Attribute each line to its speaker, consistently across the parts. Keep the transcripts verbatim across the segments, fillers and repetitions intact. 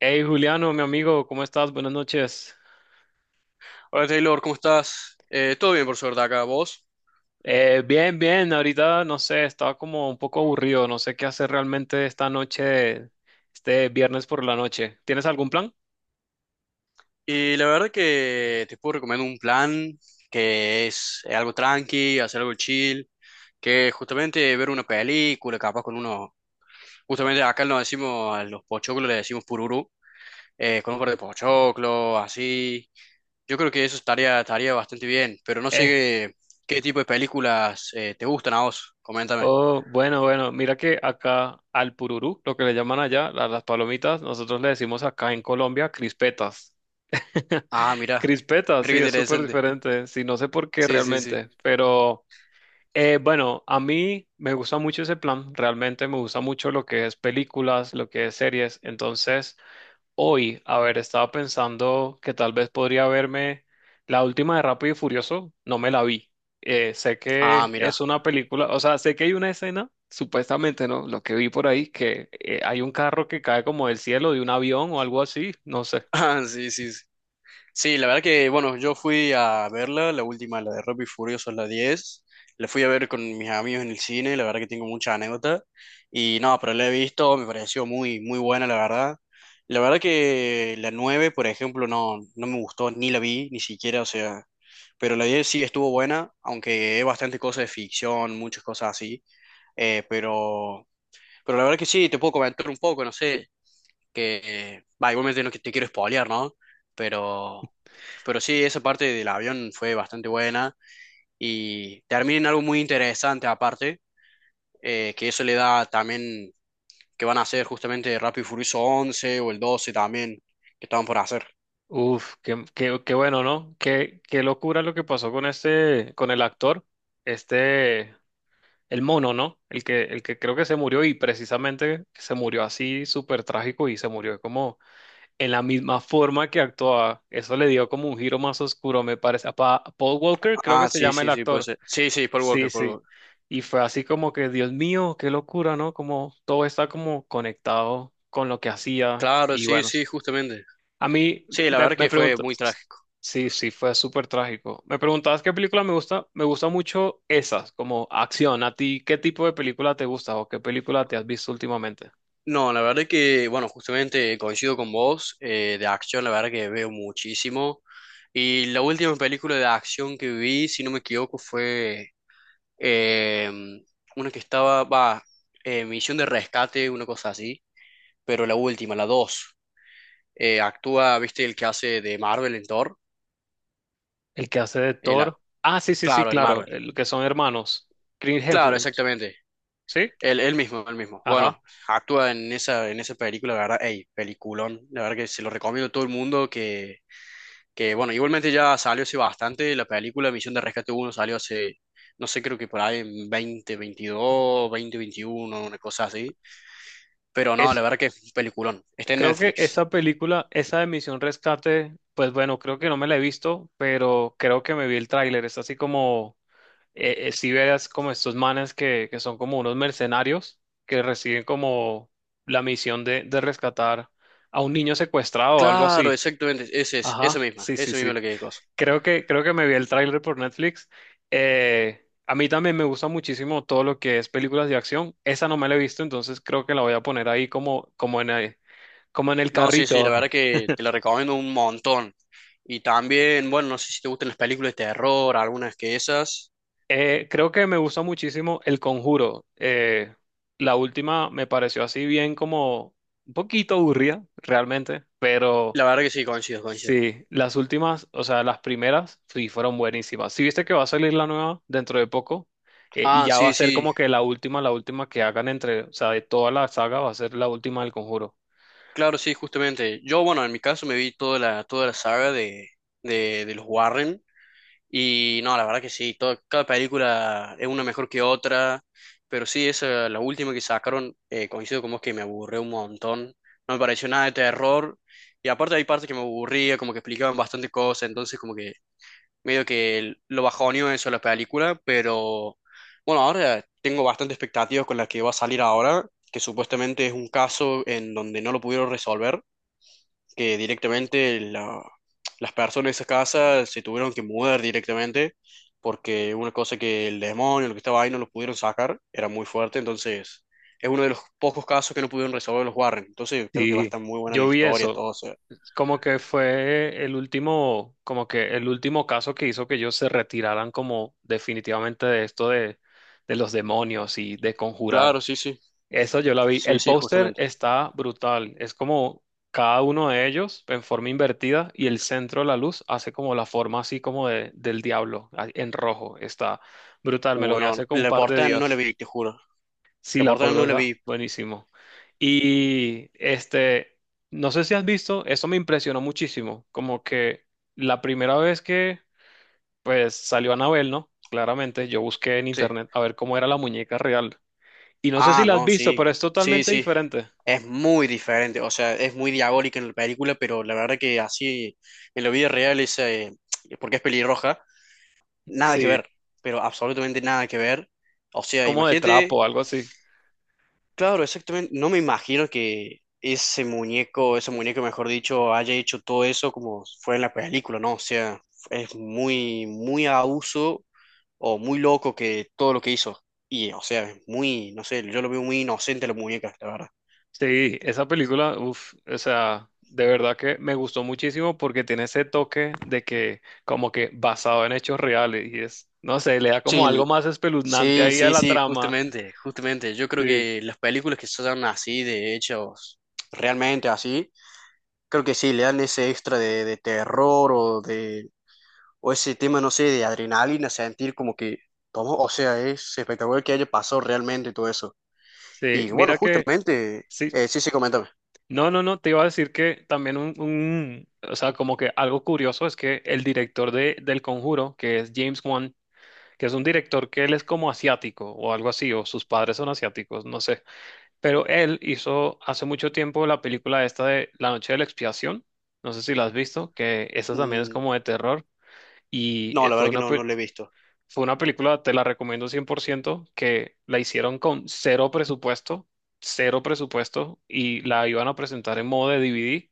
Speaker 1: Hey Juliano, mi amigo, ¿cómo estás? Buenas noches.
Speaker 2: Hola Taylor, ¿cómo estás? Eh, todo bien por suerte acá, vos.
Speaker 1: Eh, bien, bien, ahorita no sé, estaba como un poco aburrido, no sé qué hacer realmente esta noche, este viernes por la noche. ¿Tienes algún plan?
Speaker 2: Y la verdad que te puedo recomendar un plan que es eh, algo tranqui, hacer algo chill, que es justamente ver una película, capaz con uno, justamente acá nos decimos, a los pochoclos le decimos pururu, eh, con un par de pochoclos, así. Yo creo que eso estaría, estaría bastante bien, pero no sé
Speaker 1: Eh,
Speaker 2: qué, qué tipo de películas eh, te gustan a vos, coméntame.
Speaker 1: oh, bueno, bueno, mira que acá al pururú, lo que le llaman allá, a las palomitas, nosotros le decimos acá en Colombia crispetas.
Speaker 2: Ah, mira,
Speaker 1: Crispetas,
Speaker 2: mira
Speaker 1: sí,
Speaker 2: qué
Speaker 1: es súper
Speaker 2: interesante.
Speaker 1: diferente, sí, no sé por qué
Speaker 2: Sí, sí, sí.
Speaker 1: realmente, pero. Eh, bueno, a mí me gusta mucho ese plan, realmente me gusta mucho lo que es películas, lo que es series, entonces hoy, a ver, estaba pensando que tal vez podría verme la última de Rápido y Furioso, no me la vi. Eh, sé
Speaker 2: Ah,
Speaker 1: que
Speaker 2: mira.
Speaker 1: es una película, o sea, sé que hay una escena, supuestamente, ¿no? Lo que vi por ahí, que eh, hay un carro que cae como del cielo de un avión o algo así, no sé.
Speaker 2: Ah, sí, sí, sí. Sí, la verdad que, bueno, yo fui a verla, la última, la de Rápido y Furioso, la diez. La fui a ver con mis amigos en el cine, la verdad que tengo mucha anécdota. Y no, pero la he visto, me pareció muy, muy buena, la verdad. La verdad que la nueve, por ejemplo, no, no me gustó, ni la vi, ni siquiera, o sea. Pero la diez sí estuvo buena, aunque es bastante cosa de ficción, muchas cosas así. Eh, pero, pero la verdad que sí, te puedo comentar un poco, no sé que, va, igualmente no que te quiero spoilear, ¿no? Pero, pero sí, esa parte del avión fue bastante buena y termina en algo muy interesante aparte, eh, que eso le da también que van a hacer justamente Rápido y Furioso once o el doce también, que estaban por hacer.
Speaker 1: Uf, qué, qué, qué bueno, ¿no? Qué, qué locura lo que pasó con este, con el actor. Este, El mono, ¿no? El que, el que creo que se murió y precisamente se murió así súper trágico y se murió como en la misma forma que actuaba. Eso le dio como un giro más oscuro, me parece. A Pa- a Paul Walker creo que
Speaker 2: Ah,
Speaker 1: se
Speaker 2: sí,
Speaker 1: llama el
Speaker 2: sí, sí, puede
Speaker 1: actor.
Speaker 2: ser. Sí, sí, Paul
Speaker 1: Sí,
Speaker 2: Walker, Paul
Speaker 1: sí.
Speaker 2: Walker.
Speaker 1: Y fue así como que, Dios mío, qué locura, ¿no? Como todo está como conectado con lo que hacía.
Speaker 2: Claro,
Speaker 1: Y
Speaker 2: sí,
Speaker 1: bueno,
Speaker 2: sí, justamente.
Speaker 1: a mí
Speaker 2: Sí, la
Speaker 1: me,
Speaker 2: verdad
Speaker 1: me
Speaker 2: que fue
Speaker 1: preguntas,
Speaker 2: muy trágico.
Speaker 1: sí, sí, fue súper trágico. Me preguntabas qué película me gusta, me gusta mucho esas, como acción. ¿A ti qué tipo de película te gusta o qué película te has visto últimamente?
Speaker 2: No, la verdad que, bueno, justamente coincido con vos, eh, de acción, la verdad que veo muchísimo. Y la última película de acción que vi, si no me equivoco, fue eh, una que estaba, va, eh, Misión de Rescate, una cosa así, pero la última, la dos. Eh, actúa, viste, el que hace de Marvel en Thor.
Speaker 1: El que hace de
Speaker 2: El a-
Speaker 1: Thor. Ah, sí, sí, sí,
Speaker 2: claro, el
Speaker 1: claro,
Speaker 2: Marvel.
Speaker 1: el que son hermanos. Chris
Speaker 2: Claro,
Speaker 1: Hemsworth,
Speaker 2: exactamente.
Speaker 1: ¿sí?
Speaker 2: Él, él mismo, él mismo.
Speaker 1: Ajá.
Speaker 2: Bueno, actúa en esa, en esa película, la verdad, ey, peliculón. La verdad que se lo recomiendo a todo el mundo que. Que bueno, igualmente ya salió hace bastante. La película Misión de Rescate uno salió hace, no sé, creo que por ahí en dos mil veintidós, veintiuno una cosa así. Pero no,
Speaker 1: Es,
Speaker 2: la verdad que es un peliculón. Está en
Speaker 1: Creo que
Speaker 2: Netflix.
Speaker 1: esa película, esa de Misión Rescate, pues bueno, creo que no me la he visto, pero creo que me vi el tráiler. Es así como eh, eh, si veas como estos manes que, que son como unos mercenarios que reciben como la misión de, de rescatar a un niño secuestrado o algo
Speaker 2: Claro,
Speaker 1: así.
Speaker 2: exactamente. Ese es, esa
Speaker 1: Ajá,
Speaker 2: misma,
Speaker 1: sí, sí,
Speaker 2: esa misma
Speaker 1: sí.
Speaker 2: es la que cosa.
Speaker 1: Creo que, creo que me vi el tráiler por Netflix. Eh, a mí también me gusta muchísimo todo lo que es películas de acción. Esa no me la he visto, entonces creo que la voy a poner ahí como, como en, el- como en el
Speaker 2: No, sí, sí,
Speaker 1: carrito.
Speaker 2: la verdad que te la recomiendo un montón. Y también, bueno, no sé si te gustan las películas de terror, algunas que esas.
Speaker 1: Eh, creo que me gustó muchísimo El Conjuro. Eh, la última me pareció así bien como un poquito aburrida, realmente, pero
Speaker 2: La verdad que sí, coincido, coincido.
Speaker 1: sí, las últimas, o sea, las primeras, sí, fueron buenísimas. Sí, viste que va a salir la nueva dentro de poco. Eh, y
Speaker 2: Ah,
Speaker 1: ya va a
Speaker 2: sí,
Speaker 1: ser
Speaker 2: sí,
Speaker 1: como que la última, la última que hagan entre, o sea, de toda la saga va a ser la última del Conjuro.
Speaker 2: claro, sí, justamente. Yo, bueno, en mi caso me vi toda la, toda la, saga de, de, de los Warren y no, la verdad que sí, todo- cada película es una mejor que otra, pero sí, esa, la última que sacaron, eh, coincido con vos que me aburrió un montón, no me pareció nada de terror y aparte hay partes que me aburría, como que explicaban bastante cosas, entonces como que medio que lo bajoneó eso la película, pero bueno, ahora tengo bastante expectativas con la que va a salir ahora, que supuestamente es un caso en donde no lo pudieron resolver que directamente la- las personas de esa casa se tuvieron que mudar directamente porque una cosa que el demonio, lo que estaba ahí, no lo pudieron sacar, era muy fuerte, entonces es uno de los pocos casos que no pudieron resolver los Warren, entonces creo que va a
Speaker 1: Sí,
Speaker 2: estar muy buena la
Speaker 1: yo vi
Speaker 2: historia,
Speaker 1: eso.
Speaker 2: todo, o sea,
Speaker 1: Como que fue el último, como que el último caso que hizo que ellos se retiraran como definitivamente de esto de, de los demonios y de conjurar.
Speaker 2: claro, sí, sí,
Speaker 1: Eso yo la vi.
Speaker 2: sí,
Speaker 1: El
Speaker 2: sí,
Speaker 1: póster
Speaker 2: justamente.
Speaker 1: está brutal. Es como cada uno de ellos en forma invertida y el centro de la luz hace como la forma así como de- del diablo, ah, en rojo. Está brutal. Me lo
Speaker 2: Uh,
Speaker 1: voy a
Speaker 2: no,
Speaker 1: hacer un
Speaker 2: la
Speaker 1: par de
Speaker 2: portada no la
Speaker 1: días.
Speaker 2: vi, te juro,
Speaker 1: Sí,
Speaker 2: la
Speaker 1: la
Speaker 2: portada
Speaker 1: por
Speaker 2: no
Speaker 1: dos
Speaker 2: la
Speaker 1: A,
Speaker 2: vi,
Speaker 1: buenísimo. Y este, no sé si has visto, eso me impresionó muchísimo, como que la primera vez que pues salió Anabel, ¿no? Claramente yo busqué en
Speaker 2: sí.
Speaker 1: internet a ver cómo era la muñeca real. Y no sé si
Speaker 2: Ah,
Speaker 1: la has
Speaker 2: no,
Speaker 1: visto,
Speaker 2: sí,
Speaker 1: pero es
Speaker 2: sí,
Speaker 1: totalmente
Speaker 2: sí,
Speaker 1: diferente.
Speaker 2: es muy diferente, o sea, es muy diabólica en la película, pero la verdad que así en la vida real es, eh, porque es pelirroja, nada que
Speaker 1: Sí,
Speaker 2: ver, pero absolutamente nada que ver. O
Speaker 1: es
Speaker 2: sea,
Speaker 1: como de
Speaker 2: imagínate,
Speaker 1: trapo, algo así.
Speaker 2: claro, exactamente, no me imagino que ese muñeco, ese muñeco, mejor dicho, haya hecho todo eso como fue en la película, ¿no? O sea, es muy, muy abuso o muy loco que todo lo que hizo. Y, o sea, es muy, no sé, yo lo veo muy inocente a la muñeca, la verdad.
Speaker 1: Sí, esa película, uff, o sea, de verdad que me gustó muchísimo porque tiene ese toque de que como que basado en hechos reales y es, no sé, le da como
Speaker 2: Sí,
Speaker 1: algo más espeluznante
Speaker 2: sí,
Speaker 1: ahí a
Speaker 2: sí,
Speaker 1: la
Speaker 2: sí,
Speaker 1: trama.
Speaker 2: justamente, justamente. Yo creo
Speaker 1: Sí,
Speaker 2: que las películas que son así, de hechos realmente así, creo que sí, le dan ese extra de, de terror o de, o ese tema, no sé, de adrenalina, sentir como que, ¿cómo? O sea, es espectacular que haya pasado realmente todo eso.
Speaker 1: sí,
Speaker 2: Y bueno,
Speaker 1: mira que,
Speaker 2: justamente,
Speaker 1: sí,
Speaker 2: eh, sí, sí, coméntame.
Speaker 1: no, no, no, te iba a decir que también un, un- o sea, como que algo curioso es que el director de, del Conjuro, que es James Wan, que es un director que él es como asiático o algo así, o sus padres son asiáticos, no sé. Pero él hizo hace mucho tiempo la película esta de La Noche de la Expiación. No sé si la has visto, que esta también es
Speaker 2: Mm,
Speaker 1: como de terror. Y
Speaker 2: no,
Speaker 1: eh,
Speaker 2: la
Speaker 1: fue
Speaker 2: verdad que
Speaker 1: una,
Speaker 2: no, no
Speaker 1: pe-
Speaker 2: lo he visto.
Speaker 1: fue una película, te la recomiendo cien por ciento, que la hicieron con cero presupuesto, cero presupuesto, y la iban a presentar en modo de D V D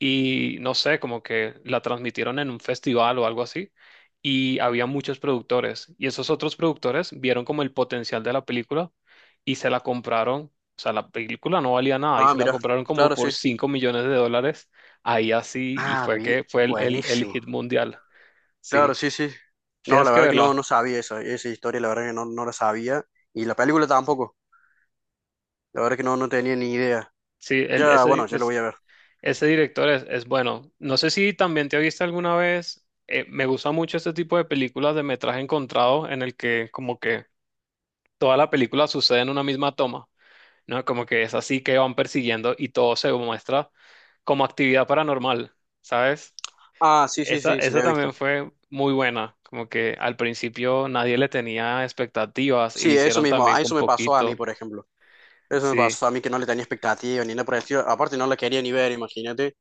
Speaker 1: y no sé, como que la transmitieron en un festival o algo así, y había muchos productores, y esos otros productores vieron como el potencial de la película y se la compraron, o sea, la película no valía nada y
Speaker 2: Ah,
Speaker 1: se la
Speaker 2: mira,
Speaker 1: compraron como
Speaker 2: claro,
Speaker 1: por
Speaker 2: sí.
Speaker 1: cinco millones de dólares, ahí así, y
Speaker 2: Ah,
Speaker 1: fue
Speaker 2: vi-
Speaker 1: que fue el, el, el
Speaker 2: buenísimo.
Speaker 1: hit mundial. Sí,
Speaker 2: Claro, sí, sí. No,
Speaker 1: tienes
Speaker 2: la
Speaker 1: que
Speaker 2: verdad que no,
Speaker 1: verla.
Speaker 2: no sabía esa, esa historia, la verdad que no, no la sabía. Y la película tampoco. La verdad que no, no tenía ni idea.
Speaker 1: Sí, el-
Speaker 2: Ya, bueno,
Speaker 1: ese,
Speaker 2: ya lo voy
Speaker 1: es-
Speaker 2: a ver.
Speaker 1: ese director es, es bueno. No sé si también te viste alguna vez. Eh, me gusta mucho este tipo de películas de metraje encontrado en el que como que toda la película sucede en una misma toma, ¿no? Como que es así que van persiguiendo y todo se muestra como actividad paranormal, ¿sabes?
Speaker 2: Ah, sí, sí,
Speaker 1: Esa,
Speaker 2: sí, sí, lo
Speaker 1: esa
Speaker 2: he
Speaker 1: también
Speaker 2: visto.
Speaker 1: fue muy buena, como que al principio nadie le tenía expectativas y le
Speaker 2: Sí, eso
Speaker 1: hicieron
Speaker 2: mismo.
Speaker 1: también
Speaker 2: A
Speaker 1: con
Speaker 2: eso me pasó a mí,
Speaker 1: poquito,
Speaker 2: por ejemplo. Eso me
Speaker 1: sí.
Speaker 2: pasó a mí que no le tenía expectativa ni nada por el estilo. Aparte, no la quería ni ver, imagínate.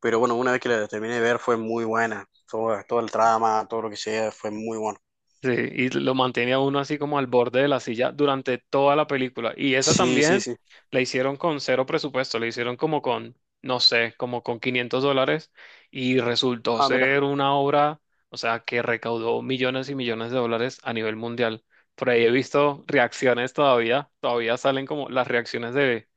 Speaker 2: Pero bueno, una vez que la terminé de ver fue muy buena. Todo, todo el trama, todo lo que sea, fue muy bueno.
Speaker 1: Sí, y lo mantenía uno así como al borde de la silla durante toda la película. Y esa
Speaker 2: Sí, sí,
Speaker 1: también
Speaker 2: sí.
Speaker 1: la hicieron con cero presupuesto, la hicieron como con, no sé, como con quinientos dólares y resultó
Speaker 2: Ah, mira.
Speaker 1: ser una obra, o sea, que recaudó millones y millones de dólares a nivel mundial. Por ahí he visto reacciones todavía, todavía salen como las reacciones de,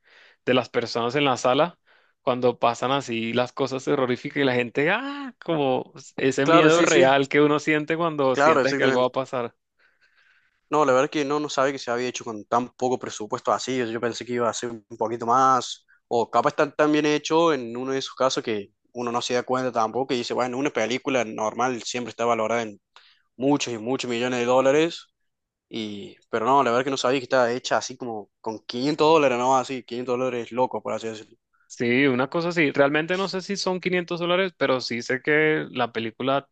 Speaker 1: de las personas en la sala cuando pasan así las cosas terroríficas y la gente, ah, como ese
Speaker 2: Claro,
Speaker 1: miedo
Speaker 2: sí, sí.
Speaker 1: real que uno siente cuando
Speaker 2: Claro,
Speaker 1: sientes que algo va
Speaker 2: exactamente.
Speaker 1: a pasar.
Speaker 2: No, la verdad que no, no sabía que se había hecho con tan poco presupuesto así. Yo pensé que iba a ser un poquito más, o capaz está tan bien hecho en uno de esos casos que uno no se da cuenta tampoco y dice, bueno, una película normal siempre está valorada en muchos y muchos millones de dólares, y, pero no, la verdad que no sabía que estaba hecha así como con quinientos dólares, ¿no? Así, quinientos dólares loco, por así decirlo.
Speaker 1: Sí, una cosa así. Realmente no sé si son quinientos dólares, pero sí sé que la película,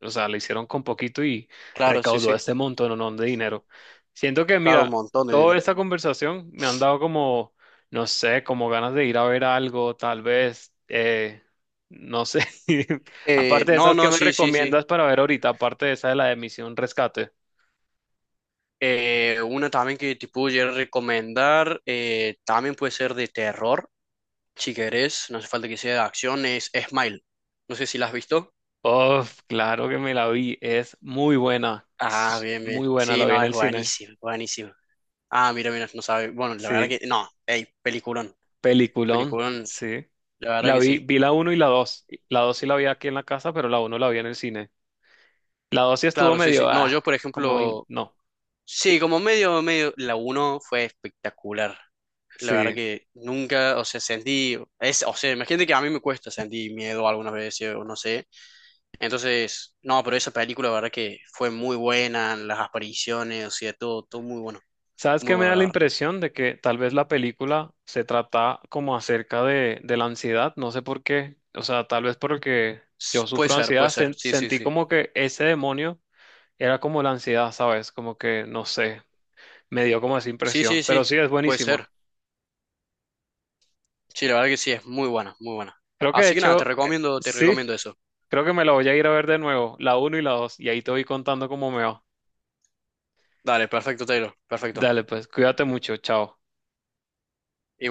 Speaker 1: o sea, la hicieron con poquito y
Speaker 2: Claro, sí,
Speaker 1: recaudó
Speaker 2: sí.
Speaker 1: este montón, ¿no?, de dinero. Siento que,
Speaker 2: Claro,
Speaker 1: mira,
Speaker 2: un montón de
Speaker 1: toda
Speaker 2: dinero.
Speaker 1: esta conversación me han dado como, no sé, como ganas de ir a ver algo, tal vez, eh, no sé.
Speaker 2: Eh,
Speaker 1: Aparte de
Speaker 2: no,
Speaker 1: esas que
Speaker 2: no,
Speaker 1: me
Speaker 2: sí, sí, sí.
Speaker 1: recomiendas para ver ahorita, aparte de esa de la de Misión Rescate.
Speaker 2: Eh, una también que te pudiera recomendar, eh, también puede ser de terror. Si querés, no hace falta que sea de acción, es Smile. No sé si la has visto.
Speaker 1: Oh, claro que me la vi, es muy buena,
Speaker 2: Ah,
Speaker 1: es
Speaker 2: bien, bien.
Speaker 1: muy buena, la
Speaker 2: Sí,
Speaker 1: vi
Speaker 2: no,
Speaker 1: en
Speaker 2: es
Speaker 1: el cine.
Speaker 2: buenísimo, buenísimo. Ah, mira, mira, no sabe. Bueno, la verdad
Speaker 1: Sí.
Speaker 2: que no, hey, peliculón,
Speaker 1: Peliculón,
Speaker 2: peliculón,
Speaker 1: sí.
Speaker 2: la verdad
Speaker 1: La
Speaker 2: que
Speaker 1: vi,
Speaker 2: sí.
Speaker 1: vi la uno y la dos.
Speaker 2: Y-
Speaker 1: La dos sí la vi aquí en la casa, pero la uno la vi en el cine. La dos sí estuvo
Speaker 2: claro, sí, sí.
Speaker 1: medio,
Speaker 2: No,
Speaker 1: ah,
Speaker 2: yo, por
Speaker 1: como, in-
Speaker 2: ejemplo,
Speaker 1: no,
Speaker 2: sí, como medio, medio, la uno fue espectacular. La verdad
Speaker 1: sí.
Speaker 2: que nunca, o sea, sentí, es, o sea, imagínate que a mí me cuesta sentir miedo algunas veces, o no sé. Entonces, no, pero esa película, la verdad que fue muy buena, las apariciones, o sea, todo, todo muy bueno,
Speaker 1: ¿Sabes
Speaker 2: muy
Speaker 1: qué me
Speaker 2: bueno,
Speaker 1: da
Speaker 2: la
Speaker 1: la
Speaker 2: verdad.
Speaker 1: impresión de que tal vez la película se trata como acerca de, de la ansiedad? No sé por qué. O sea, tal vez porque yo
Speaker 2: S- Puede
Speaker 1: sufro
Speaker 2: ser,
Speaker 1: ansiedad,
Speaker 2: puede ser,
Speaker 1: sen-
Speaker 2: sí, sí,
Speaker 1: sentí
Speaker 2: sí.
Speaker 1: como que ese demonio era como la ansiedad, ¿sabes? Como que, no sé, me dio como esa
Speaker 2: Sí, sí,
Speaker 1: impresión. Pero
Speaker 2: sí,
Speaker 1: sí, es
Speaker 2: puede ser.
Speaker 1: buenísima.
Speaker 2: Sí, la verdad que sí, es muy buena, muy buena.
Speaker 1: Creo que de
Speaker 2: Así que nada,
Speaker 1: hecho,
Speaker 2: te
Speaker 1: eh,
Speaker 2: recomiendo, te
Speaker 1: sí.
Speaker 2: recomiendo eso.
Speaker 1: Creo que me la voy a ir a ver de nuevo, la uno y la dos, y ahí te voy contando cómo me va.
Speaker 2: Dale, perfecto, Taylor, perfecto.
Speaker 1: Dale, pues, cuídate mucho, chao.
Speaker 2: Igual